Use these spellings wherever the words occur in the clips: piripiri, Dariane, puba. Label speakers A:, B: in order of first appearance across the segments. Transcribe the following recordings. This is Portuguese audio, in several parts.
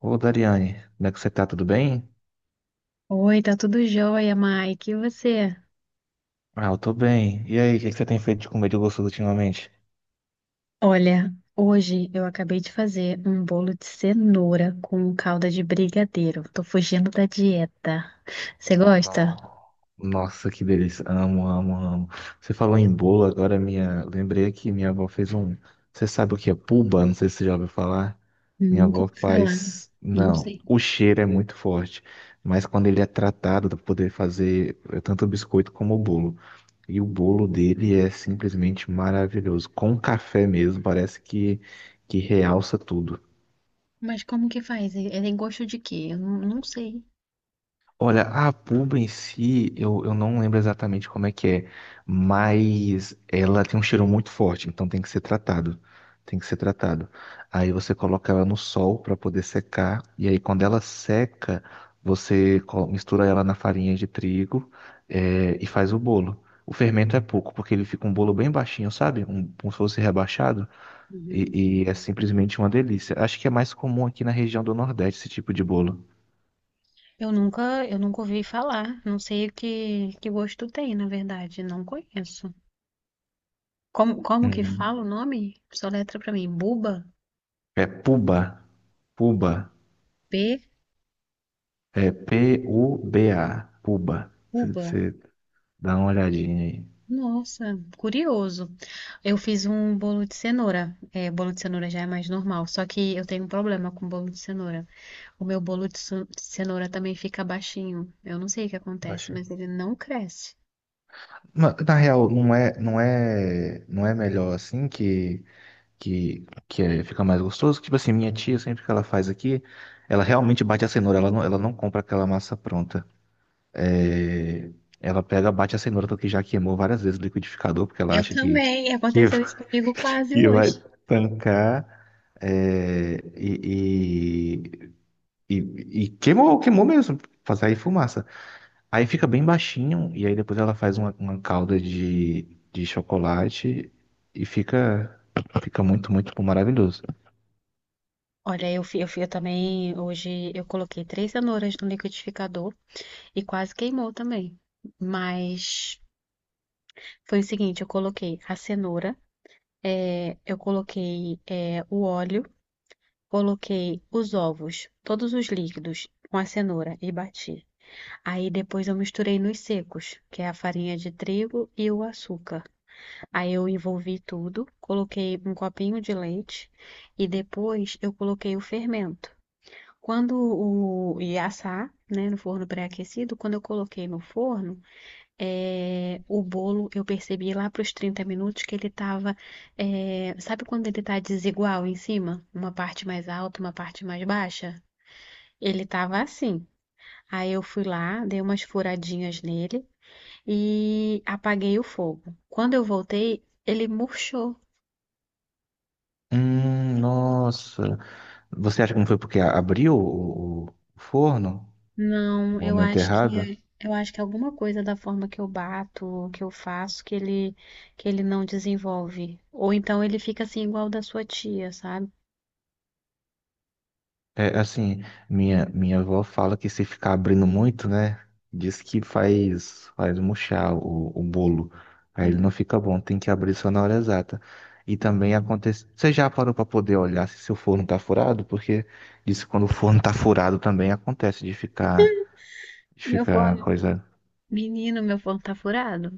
A: Ô, Dariane, como é que você tá? Tudo bem?
B: Oi, tá tudo jóia, Mike. E você?
A: Ah, eu tô bem. E aí, o que que você tem feito de comer de gostoso ultimamente?
B: Olha, hoje eu acabei de fazer um bolo de cenoura com calda de brigadeiro. Tô fugindo da dieta. Você gosta?
A: No- Nossa, que delícia. Amo, amo, amo. Você falou em bolo, agora minha... lembrei que minha avó fez um... Você sabe o que é puba? Não sei se você já ouviu falar. Minha
B: Nunca
A: avó
B: ouvi falar.
A: faz...
B: Não
A: Não,
B: sei.
A: o cheiro é muito forte. Mas quando ele é tratado, dá pra poder fazer tanto o biscoito como o bolo. E o bolo dele é simplesmente maravilhoso. Com café mesmo, parece que realça tudo.
B: Mas como que faz? Ele tem gosto de quê? Eu não, não sei.
A: Olha, a pulga em si, eu não lembro exatamente como é que é, mas ela tem um cheiro muito forte, então tem que ser tratado. Tem que ser tratado. Aí você coloca ela no sol para poder secar, e aí quando ela seca, mistura ela na farinha de trigo, é, e faz o bolo. O fermento é pouco, porque ele fica um bolo bem baixinho, sabe? Um, como se fosse rebaixado,
B: Uhum.
A: e é simplesmente uma delícia. Acho que é mais comum aqui na região do Nordeste esse tipo de bolo.
B: Eu nunca ouvi falar. Não sei o que, que gosto tem, na verdade. Não conheço. Como, como que
A: Hum.
B: fala o nome? Soletra pra mim. Buba?
A: É puba. Puba.
B: B?
A: É P-U-B-A. Puba.
B: Buba.
A: Você dá uma olhadinha aí.
B: Nossa, curioso. Eu fiz um bolo de cenoura. É, bolo de cenoura já é mais normal, só que eu tenho um problema com bolo de cenoura. O meu bolo de cenoura também fica baixinho. Eu não sei o que acontece,
A: Baixa.
B: mas ele não cresce.
A: Na real, não é melhor assim que fica mais gostoso. Tipo assim, minha tia sempre que ela faz aqui, ela realmente bate a cenoura. Ela não compra aquela massa pronta. É, ela pega, bate a cenoura porque já queimou várias vezes o liquidificador porque ela
B: Eu
A: acha que
B: também,
A: que,
B: aconteceu isso comigo quase
A: que vai
B: hoje.
A: tancar. É, e, E, e queimou, queimou mesmo, pra sair fumaça. Aí fica bem baixinho, e aí depois ela faz uma calda de chocolate e fica, fica muito, muito maravilhoso.
B: Olha, eu também, hoje eu coloquei 3 cenouras no liquidificador e quase queimou também. Mas foi o seguinte, eu coloquei a cenoura, eu coloquei o óleo, coloquei os ovos, todos os líquidos, com a cenoura e bati. Aí depois eu misturei nos secos, que é a farinha de trigo e o açúcar. Aí eu envolvi tudo, coloquei um copinho de leite e depois eu coloquei o fermento. Quando o ia assar, né, no forno pré-aquecido, quando eu coloquei no forno, é, o bolo, eu percebi lá para os 30 minutos que ele estava. Sabe quando ele tá desigual em cima? Uma parte mais alta, uma parte mais baixa? Ele tava assim. Aí eu fui lá, dei umas furadinhas nele e apaguei o fogo. Quando eu voltei, ele murchou.
A: Nossa. Você acha que não foi porque abriu o forno no
B: Não, eu
A: momento
B: acho
A: errado?
B: que. Eu acho que alguma coisa da forma que eu bato, que eu faço, que ele não desenvolve. Ou então ele fica assim igual o da sua tia, sabe?
A: É, assim, minha avó fala que se ficar abrindo muito, né, diz que faz, faz murchar o bolo. Aí ele não
B: Uhum,
A: fica bom, tem que abrir só na hora exata. E também
B: uhum.
A: acontece. Você já parou para poder olhar se seu forno tá furado? Porque diz que quando o forno tá furado também acontece de
B: Meu
A: ficar
B: forno,
A: coisa.
B: menino, meu forno tá furado.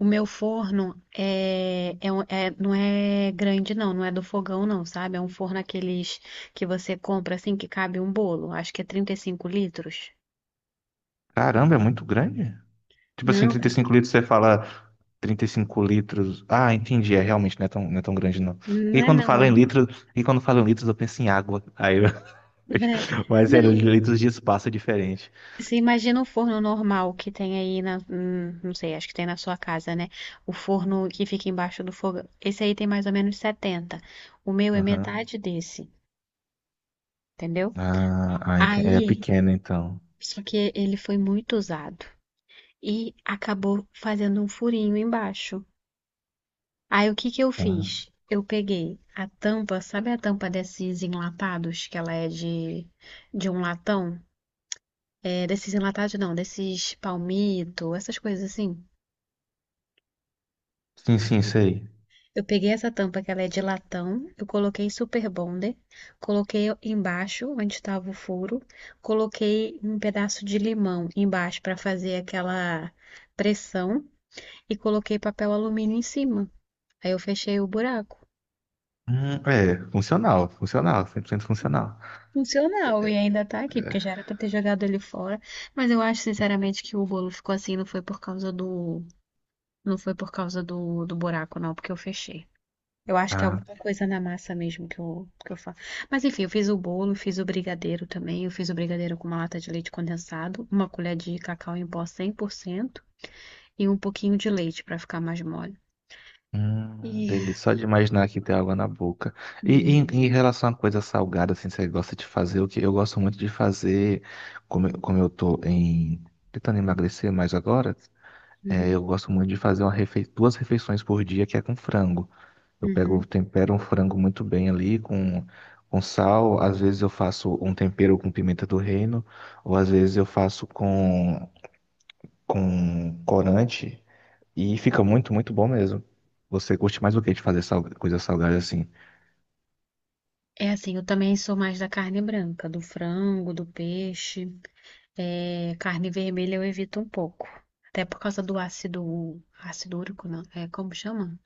B: O meu forno não é grande, não, não é do fogão, não, sabe? É um forno aqueles que você compra assim que cabe um bolo. Acho que é 35 litros.
A: Caramba, é muito grande. Tipo assim,
B: Não,
A: trinta e
B: 30
A: cinco litros, você fala 35 litros. Ah, entendi, é realmente não é tão grande não.
B: não é não.
A: E quando fala em litros, eu penso em água. Aí eu...
B: É, é-
A: Mas é,
B: não,
A: litros de espaço é diferente.
B: você imagina o forno normal que tem aí na, não sei, acho que tem na sua casa, né? O forno que fica embaixo do fogão. Esse aí tem mais ou menos 70. O meu é
A: Aham.
B: metade desse, entendeu?
A: É
B: Aí
A: pequeno então.
B: só que ele foi muito usado e acabou fazendo um furinho embaixo. Aí o que que eu
A: Ah,
B: fiz? Eu peguei a tampa, sabe a tampa desses enlatados, que ela é de um latão? É, desses enlatados não, desses palmito, essas coisas assim.
A: sim, sim, sei.
B: Eu peguei essa tampa que ela é de latão, eu coloquei super bonder, coloquei embaixo onde estava o furo, coloquei um pedaço de limão embaixo para fazer aquela pressão e coloquei papel alumínio em cima. Aí eu fechei o buraco.
A: É, funcional, funcional, 100% funcional.
B: Funcional, e ainda tá aqui, porque já era pra ter jogado ele fora. Mas eu acho, sinceramente, que o bolo ficou assim, não foi por causa do. Não foi por causa do, do buraco, não, porque eu fechei. Eu acho que é
A: Ah,
B: alguma coisa na massa mesmo que eu faço. Mas enfim, eu fiz o bolo, fiz o brigadeiro também. Eu fiz o brigadeiro com uma lata de leite condensado, uma colher de cacau em pó 100% e um pouquinho de leite pra ficar mais mole. E.
A: delícia. Só de imaginar que tem água na boca. E
B: Uhum.
A: em relação a coisa salgada, assim, você gosta de fazer o que eu gosto muito de fazer, como, como eu tô em tentando emagrecer mais agora, é, eu gosto muito de fazer duas refeições por dia que é com frango. Eu pego,
B: Uhum.
A: tempero um frango muito bem ali com sal. Às vezes eu faço um tempero com pimenta do reino, ou às vezes eu faço com corante. E fica muito, muito bom mesmo. Você curte mais o que de fazer coisa salgada assim?
B: É assim, eu também sou mais da carne branca, do frango, do peixe. É, carne vermelha eu evito um pouco. Até por causa do ácido, ácido úrico, não, é como chama?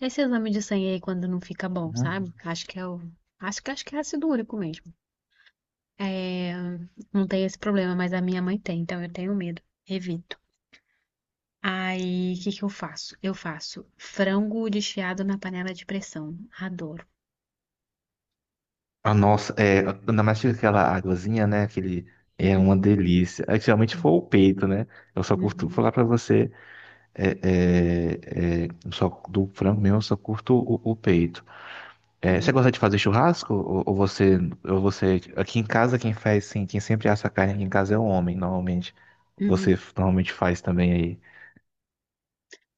B: Esse exame de sangue aí quando não fica bom,
A: Uhum.
B: sabe? Acho que é o, acho que é ácido úrico mesmo. É, não tem esse problema, mas a minha mãe tem, então eu tenho medo, evito. Aí, o que que eu faço? Eu faço frango desfiado na panela de pressão. Adoro.
A: Ah, nossa, é, ainda mais que aquela águazinha, né? Aquele, é
B: Uhum,
A: uma delícia. É, geralmente foi o peito, né? Eu só curto,
B: uhum,
A: falar pra você, é, é, é, só do frango mesmo, eu só curto o peito. É, você
B: uhum.
A: gosta de fazer churrasco? Ou você, ou você. Aqui em casa, quem faz, sim, quem sempre assa a carne aqui em casa é o homem, normalmente. Você
B: Uhum.
A: normalmente faz também aí.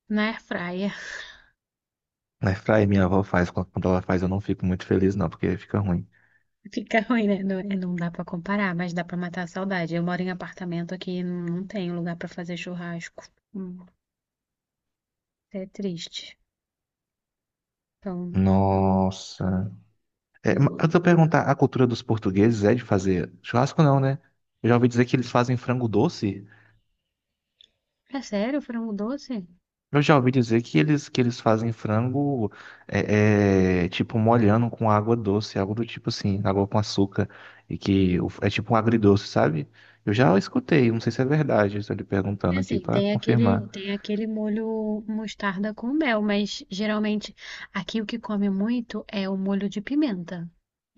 B: Na air fryer
A: Na fry, minha avó faz. Quando ela faz, eu não fico muito feliz, não, porque fica ruim.
B: fica ruim, né? Não, é, não dá pra comparar, mas dá pra matar a saudade. Eu moro em apartamento aqui, não tenho lugar pra fazer churrasco. Hum, é triste. Então,
A: Nossa. É, antes
B: hum,
A: de eu perguntar, a cultura dos portugueses é de fazer churrasco, não, né? Eu já ouvi dizer que eles fazem frango doce.
B: é sério, frango doce?
A: Eu já ouvi dizer que eles fazem frango é, é, tipo molhando com água doce, algo do tipo assim, água com açúcar, e que é tipo um agridoce, sabe? Eu já escutei, não sei se é verdade, estou lhe
B: É
A: perguntando aqui
B: assim,
A: para
B: tem aquele,
A: confirmar.
B: tem aquele molho mostarda com mel, mas geralmente aqui o que come muito é o molho de pimenta,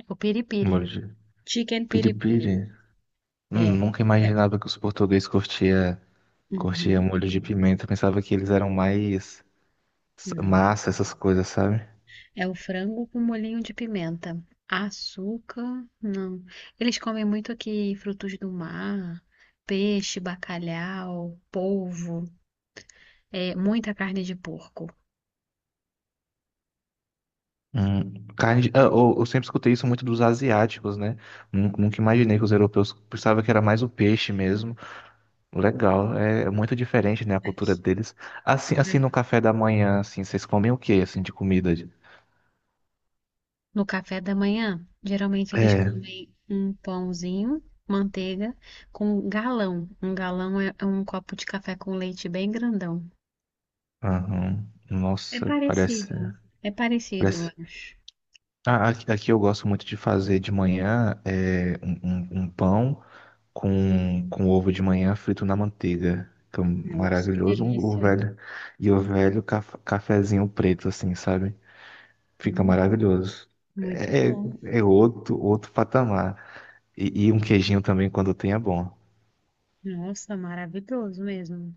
B: o
A: Molho
B: piripiri.
A: de
B: Chicken piripiri.
A: piripiri.
B: É.
A: Nunca imaginava que os portugueses curtia, curtia
B: Uhum.
A: molho de pimenta, pensava que eles eram mais massa, essas coisas, sabe?
B: É o frango com molhinho de pimenta. Açúcar, não. Eles comem muito aqui frutos do mar, peixe, bacalhau, polvo, é, muita carne de porco.
A: Carne de- ah, eu sempre escutei isso muito dos asiáticos, né? Nunca imaginei que os europeus pensavam que era mais o peixe mesmo. Legal, é muito diferente, né, a cultura
B: Aqui,
A: deles. Assim, assim
B: né?
A: no café da manhã, assim, vocês comem o quê, assim, de comida? De-
B: No café da manhã, geralmente eles
A: É,
B: comem um pãozinho, manteiga, com galão. Um galão é um copo de café com leite bem grandão.
A: aham.
B: É
A: Nossa, parece,
B: parecido, é parecido, eu
A: parece.
B: acho.
A: Aqui eu gosto muito de fazer de manhã é, um pão. Com ovo de manhã frito na manteiga. Que é um
B: Nossa, que
A: maravilhoso, o
B: delícia.
A: velho. E o velho cafezinho preto, assim, sabe? Fica
B: Hum,
A: maravilhoso.
B: muito
A: É,
B: bom.
A: é é outro patamar. E um queijinho também, quando tem, é bom.
B: Nossa, maravilhoso mesmo.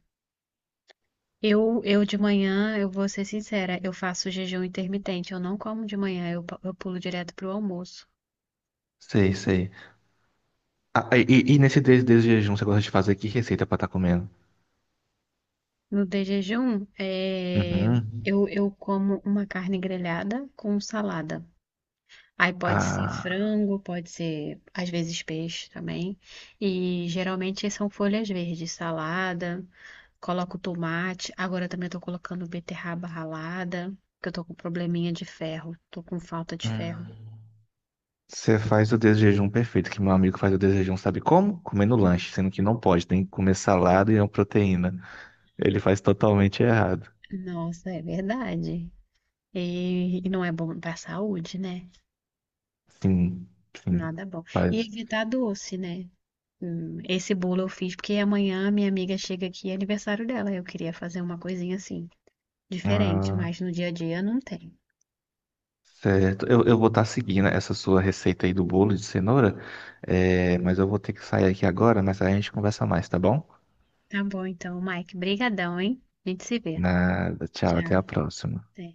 B: Eu de manhã, eu vou ser sincera, eu faço jejum intermitente, eu não como de manhã, eu, eu pulo direto pro almoço.
A: Sei, sei. Ah, e nesse desde de jejum, você gosta de fazer que receita pra estar comendo?
B: No de jejum, é,
A: Uhum.
B: eu como uma carne grelhada com salada. Aí pode ser
A: Ah,
B: frango, pode ser às vezes peixe também. E geralmente são folhas verdes, salada, coloco tomate. Agora também tô colocando beterraba ralada, porque eu tô com probleminha de ferro, tô com falta de ferro.
A: hum. Você faz o desjejum perfeito, que meu amigo faz o desjejum, sabe como? Comendo lanche, sendo que não pode, tem que comer salada e é uma proteína. Ele faz totalmente errado.
B: Nossa, é verdade. E não é bom para a saúde, né?
A: Sim, sim,
B: Nada bom. E
A: faz.
B: evitar doce, né? Esse bolo eu fiz porque amanhã minha amiga chega aqui, é aniversário dela. Eu queria fazer uma coisinha assim, diferente,
A: Ah,
B: mas no dia a dia não tem.
A: certo. Eu vou estar seguindo essa sua receita aí do bolo de cenoura, é, mas eu vou ter que sair aqui agora, mas aí a gente conversa mais, tá bom?
B: Tá bom, então, Mike, brigadão, hein? A gente se vê.
A: Nada, tchau,
B: Tchau.
A: até a próxima.
B: Até.